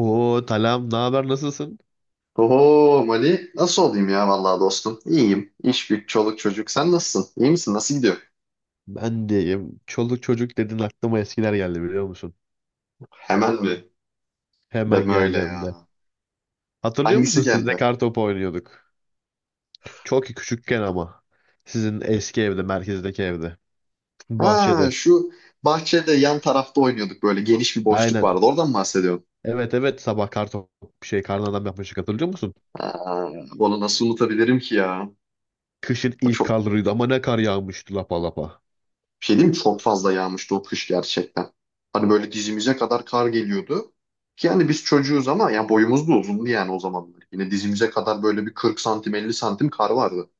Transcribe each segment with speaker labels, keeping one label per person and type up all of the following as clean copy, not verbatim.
Speaker 1: Oo Talam ne haber nasılsın?
Speaker 2: Oho Mali, nasıl olayım ya vallahi dostum? İyiyim. İş güç, çoluk çocuk. Sen nasılsın? İyi misin? Nasıl gidiyor?
Speaker 1: Ben diyeyim. Çoluk çocuk dedin aklıma eskiler geldi biliyor musun?
Speaker 2: Hemen mi?
Speaker 1: Hemen
Speaker 2: Deme öyle
Speaker 1: geldi hem de.
Speaker 2: ya.
Speaker 1: Hatırlıyor musun
Speaker 2: Hangisi
Speaker 1: siz de
Speaker 2: geldi?
Speaker 1: kartopu oynuyorduk. Çok küçükken ama. Sizin eski evde, merkezdeki evde.
Speaker 2: Ha
Speaker 1: Bahçede.
Speaker 2: şu bahçede yan tarafta oynuyorduk, böyle geniş bir boşluk
Speaker 1: Aynen.
Speaker 2: vardı. Oradan mı bahsediyorsun?
Speaker 1: Evet evet sabah kartop şey karnadan yapmıştık hatırlıyor musun?
Speaker 2: Ha, onu nasıl unutabilirim ki ya?
Speaker 1: Kışın
Speaker 2: O
Speaker 1: ilk
Speaker 2: çok
Speaker 1: karlarıydı ama ne kar yağmıştı lapa lapa.
Speaker 2: bir şey diyeyim mi? Çok fazla yağmıştı o kış gerçekten. Hani böyle dizimize kadar kar geliyordu. Ki yani biz çocuğuz ama yani boyumuz da uzundu yani o zamanlar. Yine dizimize kadar böyle bir 40 santim 50 santim kar vardı.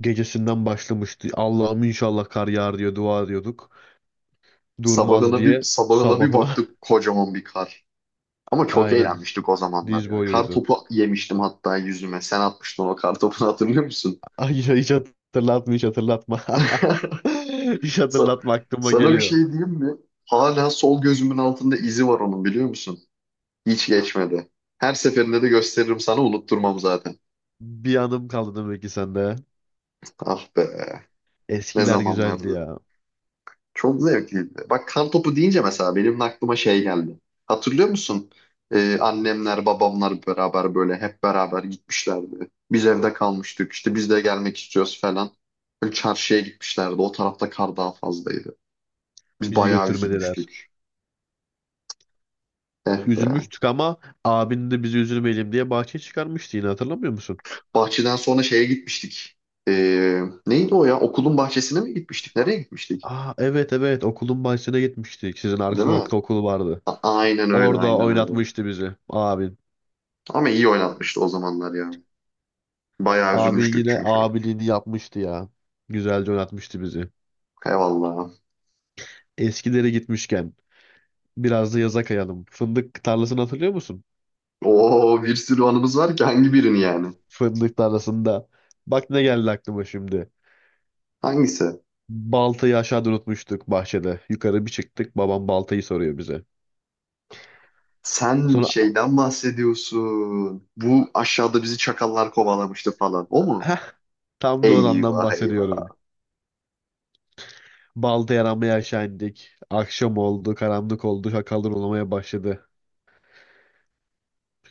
Speaker 1: Gecesinden başlamıştı. Allah'ım inşallah kar yağar diye dua ediyorduk. Durmaz
Speaker 2: Sabahına bir
Speaker 1: diye
Speaker 2: sabahına bir
Speaker 1: sabahına.
Speaker 2: baktık, kocaman bir kar. Ama çok
Speaker 1: Aynen,
Speaker 2: eğlenmiştik o zamanlar
Speaker 1: diz
Speaker 2: ya. Kar
Speaker 1: boyuydu.
Speaker 2: topu yemiştim hatta yüzüme. Sen atmıştın o kar topunu, hatırlıyor musun?
Speaker 1: Ay, hiç hatırlatma, hiç hatırlatma. Hiç
Speaker 2: Sa-
Speaker 1: hatırlatma, aklıma
Speaker 2: Sana bir şey
Speaker 1: geliyor.
Speaker 2: diyeyim mi? Hala sol gözümün altında izi var onun, biliyor musun? Hiç geçmedi. Her seferinde de gösteririm sana, unutturmam zaten.
Speaker 1: Bir anım kaldı demek ki sende.
Speaker 2: Ah be, ne
Speaker 1: Eskiler güzeldi
Speaker 2: zamanlardı.
Speaker 1: ya.
Speaker 2: Çok zevkliydi. Bak, kar topu deyince mesela benim aklıma şey geldi. Hatırlıyor musun? Annemler, babamlar beraber böyle hep beraber gitmişlerdi. Biz evde kalmıştık. İşte biz de gelmek istiyoruz falan. Böyle çarşıya gitmişlerdi. O tarafta kar daha fazlaydı. Biz
Speaker 1: Bizi
Speaker 2: bayağı
Speaker 1: götürmediler.
Speaker 2: üzülmüştük. Eh be.
Speaker 1: Üzülmüştük ama abin de bizi üzülmeyelim diye bahçeye çıkarmıştı yine, hatırlamıyor musun?
Speaker 2: Bahçeden sonra şeye gitmiştik. Neydi o ya? Okulun bahçesine mi gitmiştik? Nereye gitmiştik?
Speaker 1: Aa, evet evet, okulun bahçesine gitmiştik. Sizin arka
Speaker 2: Değil mi?
Speaker 1: sokakta okul vardı.
Speaker 2: Aynen öyle,
Speaker 1: Orada
Speaker 2: aynen öyle.
Speaker 1: oynatmıştı bizi abin.
Speaker 2: Ama iyi oynatmıştı o zamanlar ya. Bayağı
Speaker 1: Abin
Speaker 2: üzülmüştük
Speaker 1: yine
Speaker 2: çünkü.
Speaker 1: abiliğini yapmıştı ya. Güzelce oynatmıştı bizi.
Speaker 2: Eyvallah.
Speaker 1: Eskilere gitmişken biraz da yaza kayalım. Fındık tarlasını hatırlıyor musun?
Speaker 2: Oo, bir sürü anımız var ki, hangi birini yani?
Speaker 1: Fındık tarlasında. Bak ne geldi aklıma şimdi.
Speaker 2: Hangisi?
Speaker 1: Baltayı aşağıda unutmuştuk bahçede. Yukarı bir çıktık, babam baltayı soruyor bize.
Speaker 2: Sen
Speaker 1: Sonra
Speaker 2: şeyden bahsediyorsun. Bu aşağıda bizi çakallar kovalamıştı falan. O mu?
Speaker 1: heh, tam da o andan
Speaker 2: Eyvah
Speaker 1: bahsediyorum.
Speaker 2: eyvah.
Speaker 1: Baltayı aramaya aşağı indik. Akşam oldu, karanlık oldu, şakalar oynamaya başladı.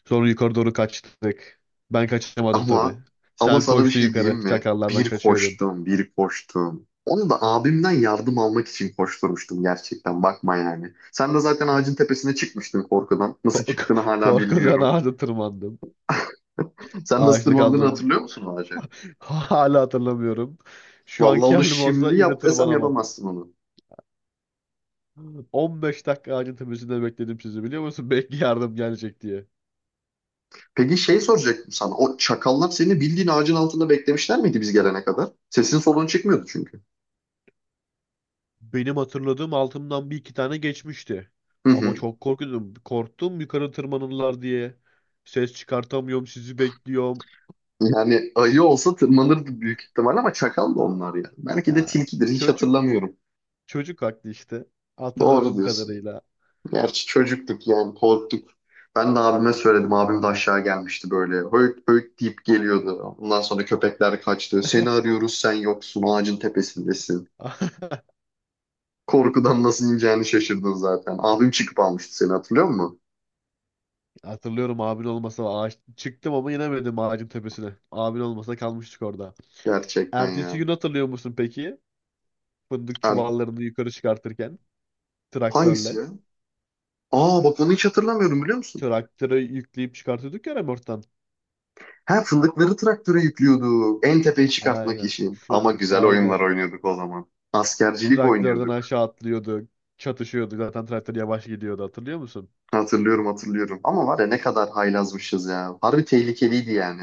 Speaker 1: Sonra yukarı doğru kaçtık. Ben kaçamadım tabii.
Speaker 2: Ama ama
Speaker 1: Sen
Speaker 2: sana bir
Speaker 1: koştun
Speaker 2: şey diyeyim
Speaker 1: yukarı,
Speaker 2: mi?
Speaker 1: şakallardan
Speaker 2: Bir
Speaker 1: kaçıyordun.
Speaker 2: koştum, bir koştum. Onu da abimden yardım almak için koşturmuştum gerçekten. Bakma yani. Sen de zaten ağacın tepesine çıkmıştın korkudan.
Speaker 1: Ko-
Speaker 2: Nasıl
Speaker 1: k-
Speaker 2: çıktığını hala
Speaker 1: korkudan
Speaker 2: bilmiyorum.
Speaker 1: ağaca tırmandım.
Speaker 2: Sen nasıl
Speaker 1: Ağaçlık
Speaker 2: tırmandığını
Speaker 1: aldım.
Speaker 2: hatırlıyor musun o ağaca?
Speaker 1: Hala hatırlamıyorum. Şu
Speaker 2: Vallahi
Speaker 1: anki
Speaker 2: onu
Speaker 1: halim olsa
Speaker 2: şimdi
Speaker 1: yine
Speaker 2: yap desem
Speaker 1: tırmanamam.
Speaker 2: yapamazsın onu.
Speaker 1: 15 dakika ağacın tepesinde bekledim sizi, biliyor musun? Belki yardım gelecek diye.
Speaker 2: Peki şey soracaktım sana. O çakallar seni bildiğin ağacın altında beklemişler miydi biz gelene kadar? Sesin soluğun çıkmıyordu çünkü.
Speaker 1: Benim hatırladığım, altımdan bir iki tane geçmişti.
Speaker 2: Hı
Speaker 1: Ama
Speaker 2: hı.
Speaker 1: çok korkuyordum. Korktum yukarı tırmanırlar diye. Ses çıkartamıyorum, sizi bekliyorum.
Speaker 2: Yani ayı olsa tırmanırdı büyük ihtimal ama çakal da onlar ya. Belki de
Speaker 1: Ya,
Speaker 2: tilkidir, hiç
Speaker 1: çocuk
Speaker 2: hatırlamıyorum.
Speaker 1: çocuk haklı işte.
Speaker 2: Doğru
Speaker 1: Hatırladığım
Speaker 2: diyorsun.
Speaker 1: kadarıyla.
Speaker 2: Gerçi çocuktuk yani, korktuk. Ben de abime söyledim. Abim de aşağı gelmişti böyle. Höyt höyt deyip geliyordu. Ondan sonra köpekler kaçtı. Seni arıyoruz, sen yoksun, ağacın tepesindesin. Korkudan nasıl ineceğini şaşırdın zaten. Abim çıkıp almıştı seni, hatırlıyor musun?
Speaker 1: Hatırlıyorum, abin olmasa ağaç çıktım ama inemedim ağacın tepesine. Abin olmasa kalmıştık orada.
Speaker 2: Gerçekten
Speaker 1: Ertesi
Speaker 2: ya.
Speaker 1: gün hatırlıyor musun peki? Fındık
Speaker 2: Er-
Speaker 1: çuvallarını yukarı çıkartırken
Speaker 2: hangisi
Speaker 1: traktörle.
Speaker 2: ya? Aa bak, onu hiç hatırlamıyorum, biliyor musun?
Speaker 1: Traktöre yükleyip çıkartıyorduk ya remorttan.
Speaker 2: Ha, fındıkları traktöre yüklüyorduk. En tepeye çıkartmak
Speaker 1: Aynen.
Speaker 2: için. Ama
Speaker 1: Fındık
Speaker 2: güzel oyunlar
Speaker 1: aynen.
Speaker 2: oynuyorduk o zaman. Askercilik
Speaker 1: Traktörden
Speaker 2: oynuyorduk.
Speaker 1: aşağı atlıyordu. Çatışıyordu. Zaten traktör yavaş gidiyordu, hatırlıyor musun?
Speaker 2: Hatırlıyorum hatırlıyorum. Ama var ya, ne kadar haylazmışız ya. Harbi tehlikeliydi yani.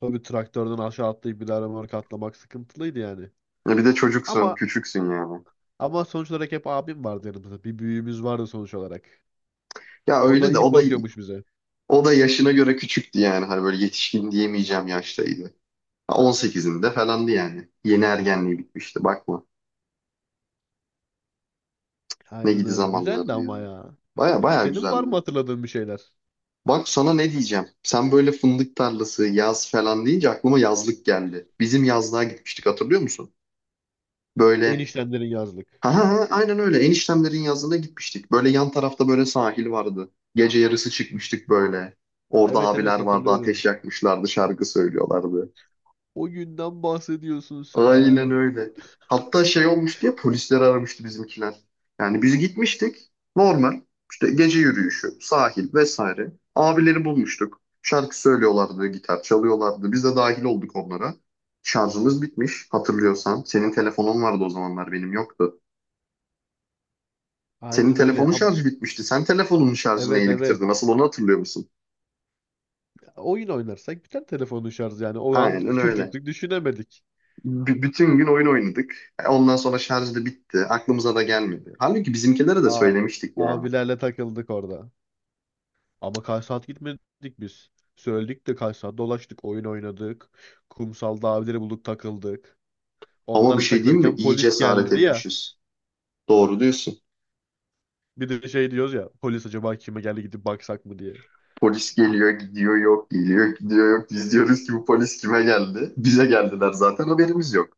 Speaker 1: Tabii, traktörden aşağı atlayıp bir daha remork atlamak sıkıntılıydı yani.
Speaker 2: Ya bir de çocuksun,
Speaker 1: Ama
Speaker 2: küçüksün yani.
Speaker 1: ama sonuç olarak hep abim vardı yanımızda. Bir büyüğümüz vardı sonuç olarak.
Speaker 2: Ya
Speaker 1: O da
Speaker 2: öyle de
Speaker 1: iyi
Speaker 2: o da
Speaker 1: bakıyormuş bize.
Speaker 2: o da yaşına göre küçüktü yani. Hani böyle yetişkin diyemeyeceğim yaştaydı. Ha, 18'inde falandı yani. Yeni ergenliği bitmişti, bakma. Ne
Speaker 1: Aynen
Speaker 2: gidi
Speaker 1: öyle. Güzeldi
Speaker 2: zamanlardı
Speaker 1: ama
Speaker 2: yani.
Speaker 1: ya.
Speaker 2: Baya baya
Speaker 1: Senin var mı
Speaker 2: güzeldi.
Speaker 1: hatırladığın bir şeyler?
Speaker 2: Bak sana ne diyeceğim. Sen böyle fındık tarlası, yaz falan deyince aklıma yazlık geldi. Bizim yazlığa gitmiştik, hatırlıyor musun? Böyle
Speaker 1: Eniştenlerin yazlık.
Speaker 2: ha ha ha, aynen öyle, eniştemlerin yazlığına gitmiştik. Böyle yan tarafta böyle sahil vardı. Gece yarısı çıkmıştık böyle. Orada
Speaker 1: Evet evet
Speaker 2: abiler vardı,
Speaker 1: hatırlıyorum.
Speaker 2: ateş yakmışlardı, şarkı söylüyorlardı.
Speaker 1: O günden bahsediyorsun
Speaker 2: Aynen
Speaker 1: sen.
Speaker 2: öyle. Hatta şey olmuş diye polisleri aramıştı bizimkiler. Yani biz gitmiştik. Normal. İşte gece yürüyüşü, sahil vesaire. Abileri bulmuştuk. Şarkı söylüyorlardı, gitar çalıyorlardı. Biz de dahil olduk onlara. Şarjımız bitmiş, hatırlıyorsan. Senin telefonun vardı o zamanlar, benim yoktu. Senin
Speaker 1: Aynen öyle.
Speaker 2: telefonun şarjı bitmişti. Sen telefonunun şarjını
Speaker 1: Evet
Speaker 2: yeni
Speaker 1: evet.
Speaker 2: bitirdin. Nasıl, onu hatırlıyor musun?
Speaker 1: Oyun oynarsak biter telefonun şarjı yani. O an
Speaker 2: Aynen öyle.
Speaker 1: çocuktuk, düşünemedik.
Speaker 2: Bütün gün oyun oynadık. Ondan sonra şarj da bitti. Aklımıza da gelmedi. Halbuki bizimkilere de
Speaker 1: Aa,
Speaker 2: söylemiştik yani.
Speaker 1: abilerle takıldık orada. Ama kaç saat gitmedik biz. Söyledik de kaç saat dolaştık. Oyun oynadık. Kumsalda abileri bulduk, takıldık.
Speaker 2: Ama bir
Speaker 1: Onlarla
Speaker 2: şey diyeyim mi?
Speaker 1: takılırken
Speaker 2: İyi
Speaker 1: polis
Speaker 2: cesaret
Speaker 1: geldi ya.
Speaker 2: etmişiz. Doğru diyorsun.
Speaker 1: Bir de şey diyoruz ya. Polis acaba kime geldi, gidip baksak mı diye.
Speaker 2: Polis geliyor, gidiyor, yok, geliyor, gidiyor, yok. Biz diyoruz ki bu polis kime geldi? Bize geldiler zaten, haberimiz yok.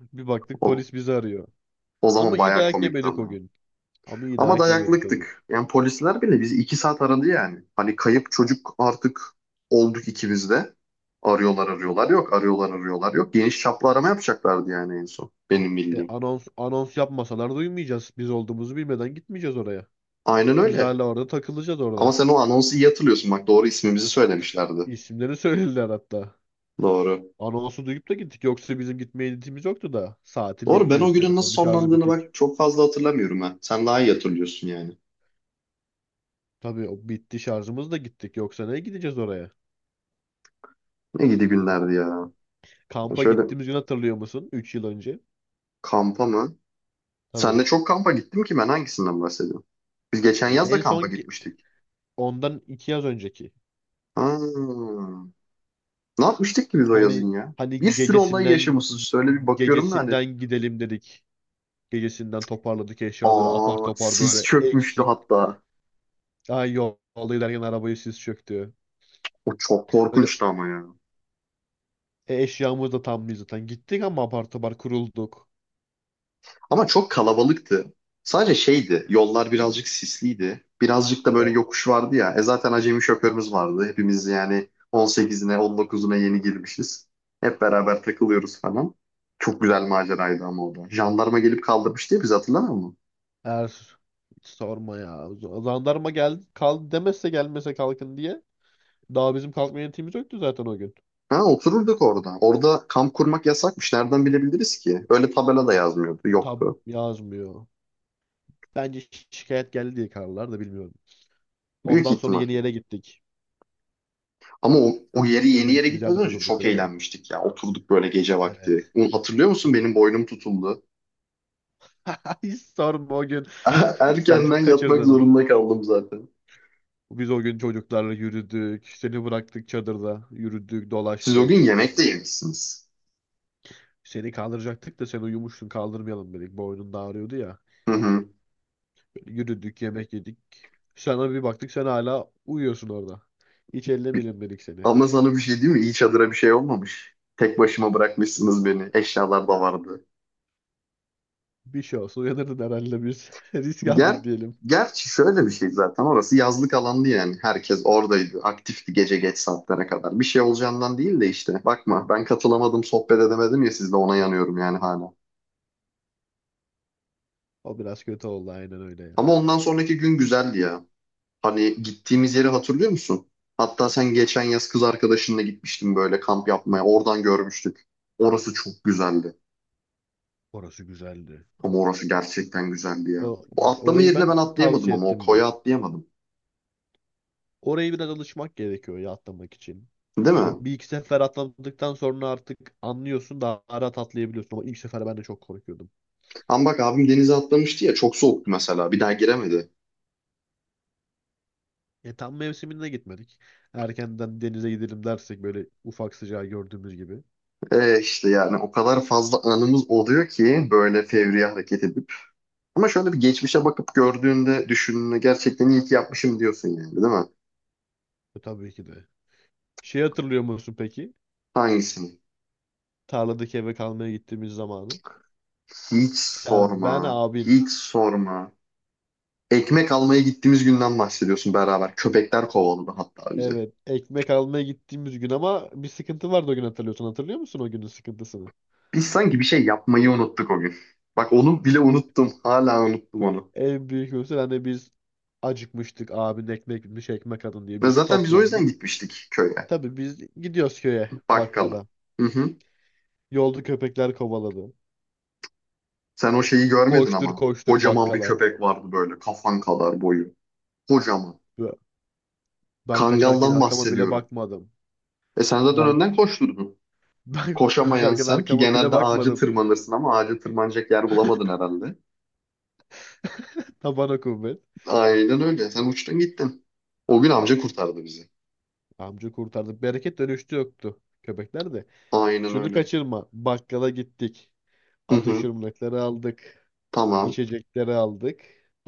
Speaker 1: Bir baktık
Speaker 2: O,
Speaker 1: polis bizi arıyor.
Speaker 2: o
Speaker 1: Ama
Speaker 2: zaman
Speaker 1: iyi
Speaker 2: bayağı
Speaker 1: dayak
Speaker 2: komikti
Speaker 1: yemedik o
Speaker 2: ama.
Speaker 1: gün. Ama iyi
Speaker 2: Ama
Speaker 1: dayak yemedik o gün.
Speaker 2: dayaklıktık. Yani polisler bile bizi iki saat aradı yani. Hani kayıp çocuk artık olduk ikimiz de. Arıyorlar arıyorlar yok, arıyorlar arıyorlar yok. Geniş çaplı arama yapacaklardı yani en son. Benim
Speaker 1: E,
Speaker 2: bildiğim.
Speaker 1: anons, anons yapmasalar duymayacağız. Biz olduğumuzu bilmeden gitmeyeceğiz oraya.
Speaker 2: Aynen
Speaker 1: Biz
Speaker 2: öyle.
Speaker 1: hala orada takılacağız orada.
Speaker 2: Ama sen o anonsu iyi hatırlıyorsun. Bak, doğru ismimizi söylemişlerdi.
Speaker 1: İsimleri söylediler hatta.
Speaker 2: Doğru.
Speaker 1: Anonsu duyup da gittik. Yoksa bizim gitmeye niyetimiz yoktu da. Saati
Speaker 2: Doğru, ben o
Speaker 1: bilmiyoruz.
Speaker 2: günün nasıl
Speaker 1: Telefonun şarjı
Speaker 2: sonlandığını
Speaker 1: bitik.
Speaker 2: bak çok fazla hatırlamıyorum ha. Sen daha iyi hatırlıyorsun yani.
Speaker 1: Tabii, o bitti, şarjımız da gittik. Yoksa ne gideceğiz oraya?
Speaker 2: Ne gidi günlerdi ya.
Speaker 1: Kampa
Speaker 2: Şöyle,
Speaker 1: gittiğimiz gün hatırlıyor musun? 3 yıl önce.
Speaker 2: kampa mı?
Speaker 1: Tabii.
Speaker 2: Senle çok kampa gittim ki, ben hangisinden bahsediyorum? Biz geçen
Speaker 1: Ya,
Speaker 2: yaz da kampa gitmiştik.
Speaker 1: Ondan 2 yaz önceki.
Speaker 2: Ha. Ne yapmıştık ki biz o
Speaker 1: Hani
Speaker 2: yazın ya? Bir
Speaker 1: hani
Speaker 2: sürü olay
Speaker 1: gecesinden
Speaker 2: yaşamışız. Şöyle bir bakıyorum da hani.
Speaker 1: gecesinden gidelim dedik. Gecesinden toparladık eşyaları apar
Speaker 2: Aa,
Speaker 1: topar,
Speaker 2: sis
Speaker 1: böyle
Speaker 2: çökmüştü
Speaker 1: eksik.
Speaker 2: hatta.
Speaker 1: Ay, yolda giderken arabayı sis çöktü.
Speaker 2: O çok
Speaker 1: Öyle.
Speaker 2: korkunçtu ama ya.
Speaker 1: E, eşyamız da tam değil zaten. Gittik ama apar topar kurulduk.
Speaker 2: Ama çok kalabalıktı. Sadece şeydi, yollar birazcık sisliydi. Birazcık da böyle
Speaker 1: Yok.
Speaker 2: yokuş vardı ya. Zaten acemi şoförümüz vardı. Hepimiz yani 18'ine, 19'una yeni girmişiz. Hep beraber takılıyoruz falan. Çok güzel maceraydı ama o da. Jandarma gelip kaldırmıştı ya bizi, hatırlamıyor musun?
Speaker 1: Her Hiç sorma ya. Zandarma gel kal demezse, gelmese kalkın diye. Daha bizim kalkma yönetimimiz yoktu zaten o gün.
Speaker 2: Ha, otururduk orada. Orada kamp kurmak yasakmış. Nereden bilebiliriz ki? Öyle tabela da yazmıyordu,
Speaker 1: Tab
Speaker 2: yoktu.
Speaker 1: yazmıyor. Bence şikayet geldi diye, kararlar da bilmiyorum.
Speaker 2: Büyük
Speaker 1: Ondan sonra
Speaker 2: ihtimal.
Speaker 1: yeni yere gittik.
Speaker 2: Ama o yeri, yeni
Speaker 1: Öbür
Speaker 2: yere
Speaker 1: gittiğimiz yerde
Speaker 2: gitmeden
Speaker 1: de
Speaker 2: önce
Speaker 1: durduk
Speaker 2: çok
Speaker 1: biraz ya.
Speaker 2: eğlenmiştik ya. Oturduk böyle gece vakti.
Speaker 1: Evet.
Speaker 2: Onu hatırlıyor
Speaker 1: O-
Speaker 2: musun, benim boynum tutuldu.
Speaker 1: Hiç sorma o gün. Sen
Speaker 2: Erkenden
Speaker 1: çok
Speaker 2: yatmak
Speaker 1: kaçırdın o.
Speaker 2: zorunda kaldım zaten.
Speaker 1: Biz o gün çocuklarla yürüdük. Seni bıraktık çadırda. Yürüdük,
Speaker 2: Siz o gün
Speaker 1: dolaştık.
Speaker 2: yemek de yemişsiniz.
Speaker 1: Seni kaldıracaktık da sen uyumuştun, kaldırmayalım dedik. Boynun da ağrıyordu ya.
Speaker 2: Hı hı.
Speaker 1: Böyle yürüdük, yemek yedik. Sana bir baktık sen hala uyuyorsun orada. Hiç ellemeyelim dedik seni.
Speaker 2: Ama sana bir şey diyeyim mi? İyi, çadıra bir şey olmamış. Tek başıma bırakmışsınız beni. Eşyalar da vardı.
Speaker 1: Bir şey olsa uyanırdın herhalde biz. Risk
Speaker 2: Ger
Speaker 1: aldık diyelim.
Speaker 2: Gerçi şöyle bir şey zaten. Orası yazlık alandı yani. Herkes oradaydı. Aktifti gece geç saatlere kadar. Bir şey olacağından değil de işte. Bakma, ben katılamadım, sohbet edemedim ya sizle, ona yanıyorum yani hala.
Speaker 1: O biraz kötü oldu, aynen öyle ya.
Speaker 2: Ama ondan sonraki gün güzeldi ya. Hani gittiğimiz yeri hatırlıyor musun? Hatta sen geçen yaz kız arkadaşınla gitmiştin böyle kamp yapmaya. Oradan görmüştük. Orası çok güzeldi.
Speaker 1: Orası güzeldi.
Speaker 2: Ama orası gerçekten güzeldi ya.
Speaker 1: O,
Speaker 2: O atlama
Speaker 1: orayı
Speaker 2: yerine
Speaker 1: ben
Speaker 2: ben atlayamadım,
Speaker 1: tavsiye
Speaker 2: ama o
Speaker 1: ettim de.
Speaker 2: koya atlayamadım.
Speaker 1: Orayı biraz alışmak gerekiyor ya atlamak için.
Speaker 2: Değil
Speaker 1: Yani
Speaker 2: mi?
Speaker 1: bir iki sefer atladıktan sonra artık anlıyorsun, daha rahat atlayabiliyorsun. Ama ilk sefer ben de çok korkuyordum.
Speaker 2: Ama bak, abim denize atlamıştı ya, çok soğuktu mesela. Bir daha giremedi.
Speaker 1: E, tam mevsiminde gitmedik. Erkenden denize gidelim dersek böyle, ufak sıcağı gördüğümüz gibi.
Speaker 2: E işte yani o kadar fazla anımız oluyor ki böyle fevri hareket edip. Ama şöyle bir geçmişe bakıp gördüğünde, düşündüğünde, gerçekten iyi ki yapmışım diyorsun yani, değil mi?
Speaker 1: E, tabii ki de. Hatırlıyor musun peki?
Speaker 2: Hangisini?
Speaker 1: Tarladaki eve kalmaya gittiğimiz zamanı.
Speaker 2: Hiç
Speaker 1: Sen, ben,
Speaker 2: sorma.
Speaker 1: abin.
Speaker 2: Hiç sorma. Ekmek almaya gittiğimiz günden bahsediyorsun beraber. Köpekler kovaladı hatta bizi.
Speaker 1: Evet, ekmek almaya gittiğimiz gün, ama bir sıkıntı vardı o gün hatırlıyorsun. Hatırlıyor musun o günün sıkıntısını?
Speaker 2: Biz sanki bir şey yapmayı unuttuk o gün. Bak, onu bile unuttum. Hala unuttum onu.
Speaker 1: En büyük mesela, hani biz acıkmıştık. Abin ekmek bitmiş, ekmek alın diye
Speaker 2: Ve
Speaker 1: biz
Speaker 2: zaten biz o yüzden
Speaker 1: toplandık.
Speaker 2: gitmiştik köye.
Speaker 1: Tabii biz gidiyoruz köye,
Speaker 2: Bakkala.
Speaker 1: bakkala.
Speaker 2: Hı hı.
Speaker 1: Yolda köpekler kovaladı.
Speaker 2: Sen o şeyi görmedin
Speaker 1: Koştur
Speaker 2: ama.
Speaker 1: koştur
Speaker 2: Kocaman bir
Speaker 1: bakkala.
Speaker 2: köpek vardı böyle. Kafan kadar boyu. Kocaman.
Speaker 1: Ben kaçarken
Speaker 2: Kangaldan
Speaker 1: arkama bile
Speaker 2: bahsediyorum.
Speaker 1: bakmadım.
Speaker 2: Sen zaten
Speaker 1: Ben
Speaker 2: önden koşturdun.
Speaker 1: ben
Speaker 2: Koşamayan
Speaker 1: koşarken
Speaker 2: sen ki
Speaker 1: arkama bile
Speaker 2: genelde ağaca
Speaker 1: bakmadım.
Speaker 2: tırmanırsın, ama ağaca tırmanacak yer bulamadın herhalde.
Speaker 1: Tabana kuvvet.
Speaker 2: Aynen öyle. Sen uçtun gittin. O gün amca kurtardı bizi.
Speaker 1: Amca kurtardı. Bereket dönüştü yoktu. Köpekler de.
Speaker 2: Aynen
Speaker 1: Şunu
Speaker 2: öyle.
Speaker 1: kaçırma. Bakkala gittik.
Speaker 2: Hı hı.
Speaker 1: Atıştırmalıkları aldık.
Speaker 2: Tamam.
Speaker 1: İçecekleri aldık.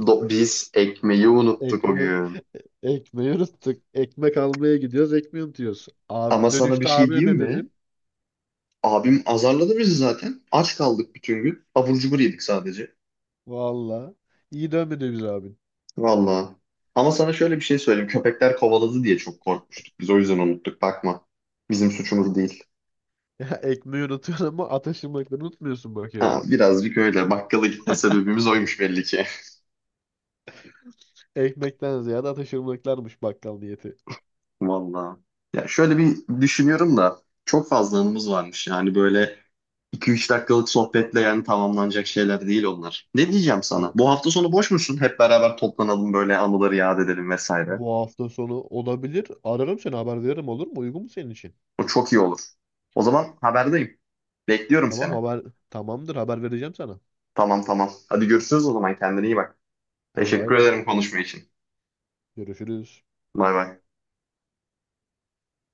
Speaker 2: Biz ekmeği unuttuk o
Speaker 1: Ekme
Speaker 2: gün.
Speaker 1: ekmeği unuttuk. Ekmek almaya gidiyoruz. Ekmeği unutuyoruz.
Speaker 2: Ama
Speaker 1: Abi,
Speaker 2: sana bir
Speaker 1: dönüşte
Speaker 2: şey
Speaker 1: abine
Speaker 2: diyeyim
Speaker 1: ne
Speaker 2: mi?
Speaker 1: dedin?
Speaker 2: Abim azarladı bizi zaten. Aç kaldık bütün gün. Abur cubur yedik sadece.
Speaker 1: Valla. İyi dönmedi biz abin.
Speaker 2: Vallahi. Ama sana şöyle bir şey söyleyeyim. Köpekler kovaladı diye çok korkmuştuk. Biz o yüzden unuttuk. Bakma. Bizim suçumuz değil.
Speaker 1: Ya, ekmeği unutuyorsun ama atıştırmalıkları unutmuyorsun
Speaker 2: Ha,
Speaker 1: bakıyorum.
Speaker 2: birazcık öyle. Bakkala gitme sebebimiz oymuş belli ki.
Speaker 1: Ekmekten ziyade atıştırmalıklarmış bakkal niyeti.
Speaker 2: Vallahi. Ya şöyle bir düşünüyorum da çok fazla anımız varmış. Yani böyle 2 üç dakikalık sohbetle yani tamamlanacak şeyler değil onlar. Ne diyeceğim sana?
Speaker 1: Sana.
Speaker 2: Bu hafta sonu boş musun? Hep beraber toplanalım, böyle anıları yad edelim vesaire.
Speaker 1: Bu hafta sonu olabilir. Ararım seni, haber veririm, olur mu? Uygun mu senin için?
Speaker 2: O çok iyi olur. O zaman haberdeyim. Bekliyorum
Speaker 1: Tamam
Speaker 2: seni.
Speaker 1: haber Tamamdır, haber vereceğim sana.
Speaker 2: Tamam tamam. Hadi görüşürüz o zaman. Kendine iyi bak.
Speaker 1: Hadi bay
Speaker 2: Teşekkür
Speaker 1: bay.
Speaker 2: ederim konuşma için.
Speaker 1: Görüşürüz.
Speaker 2: Bay bay.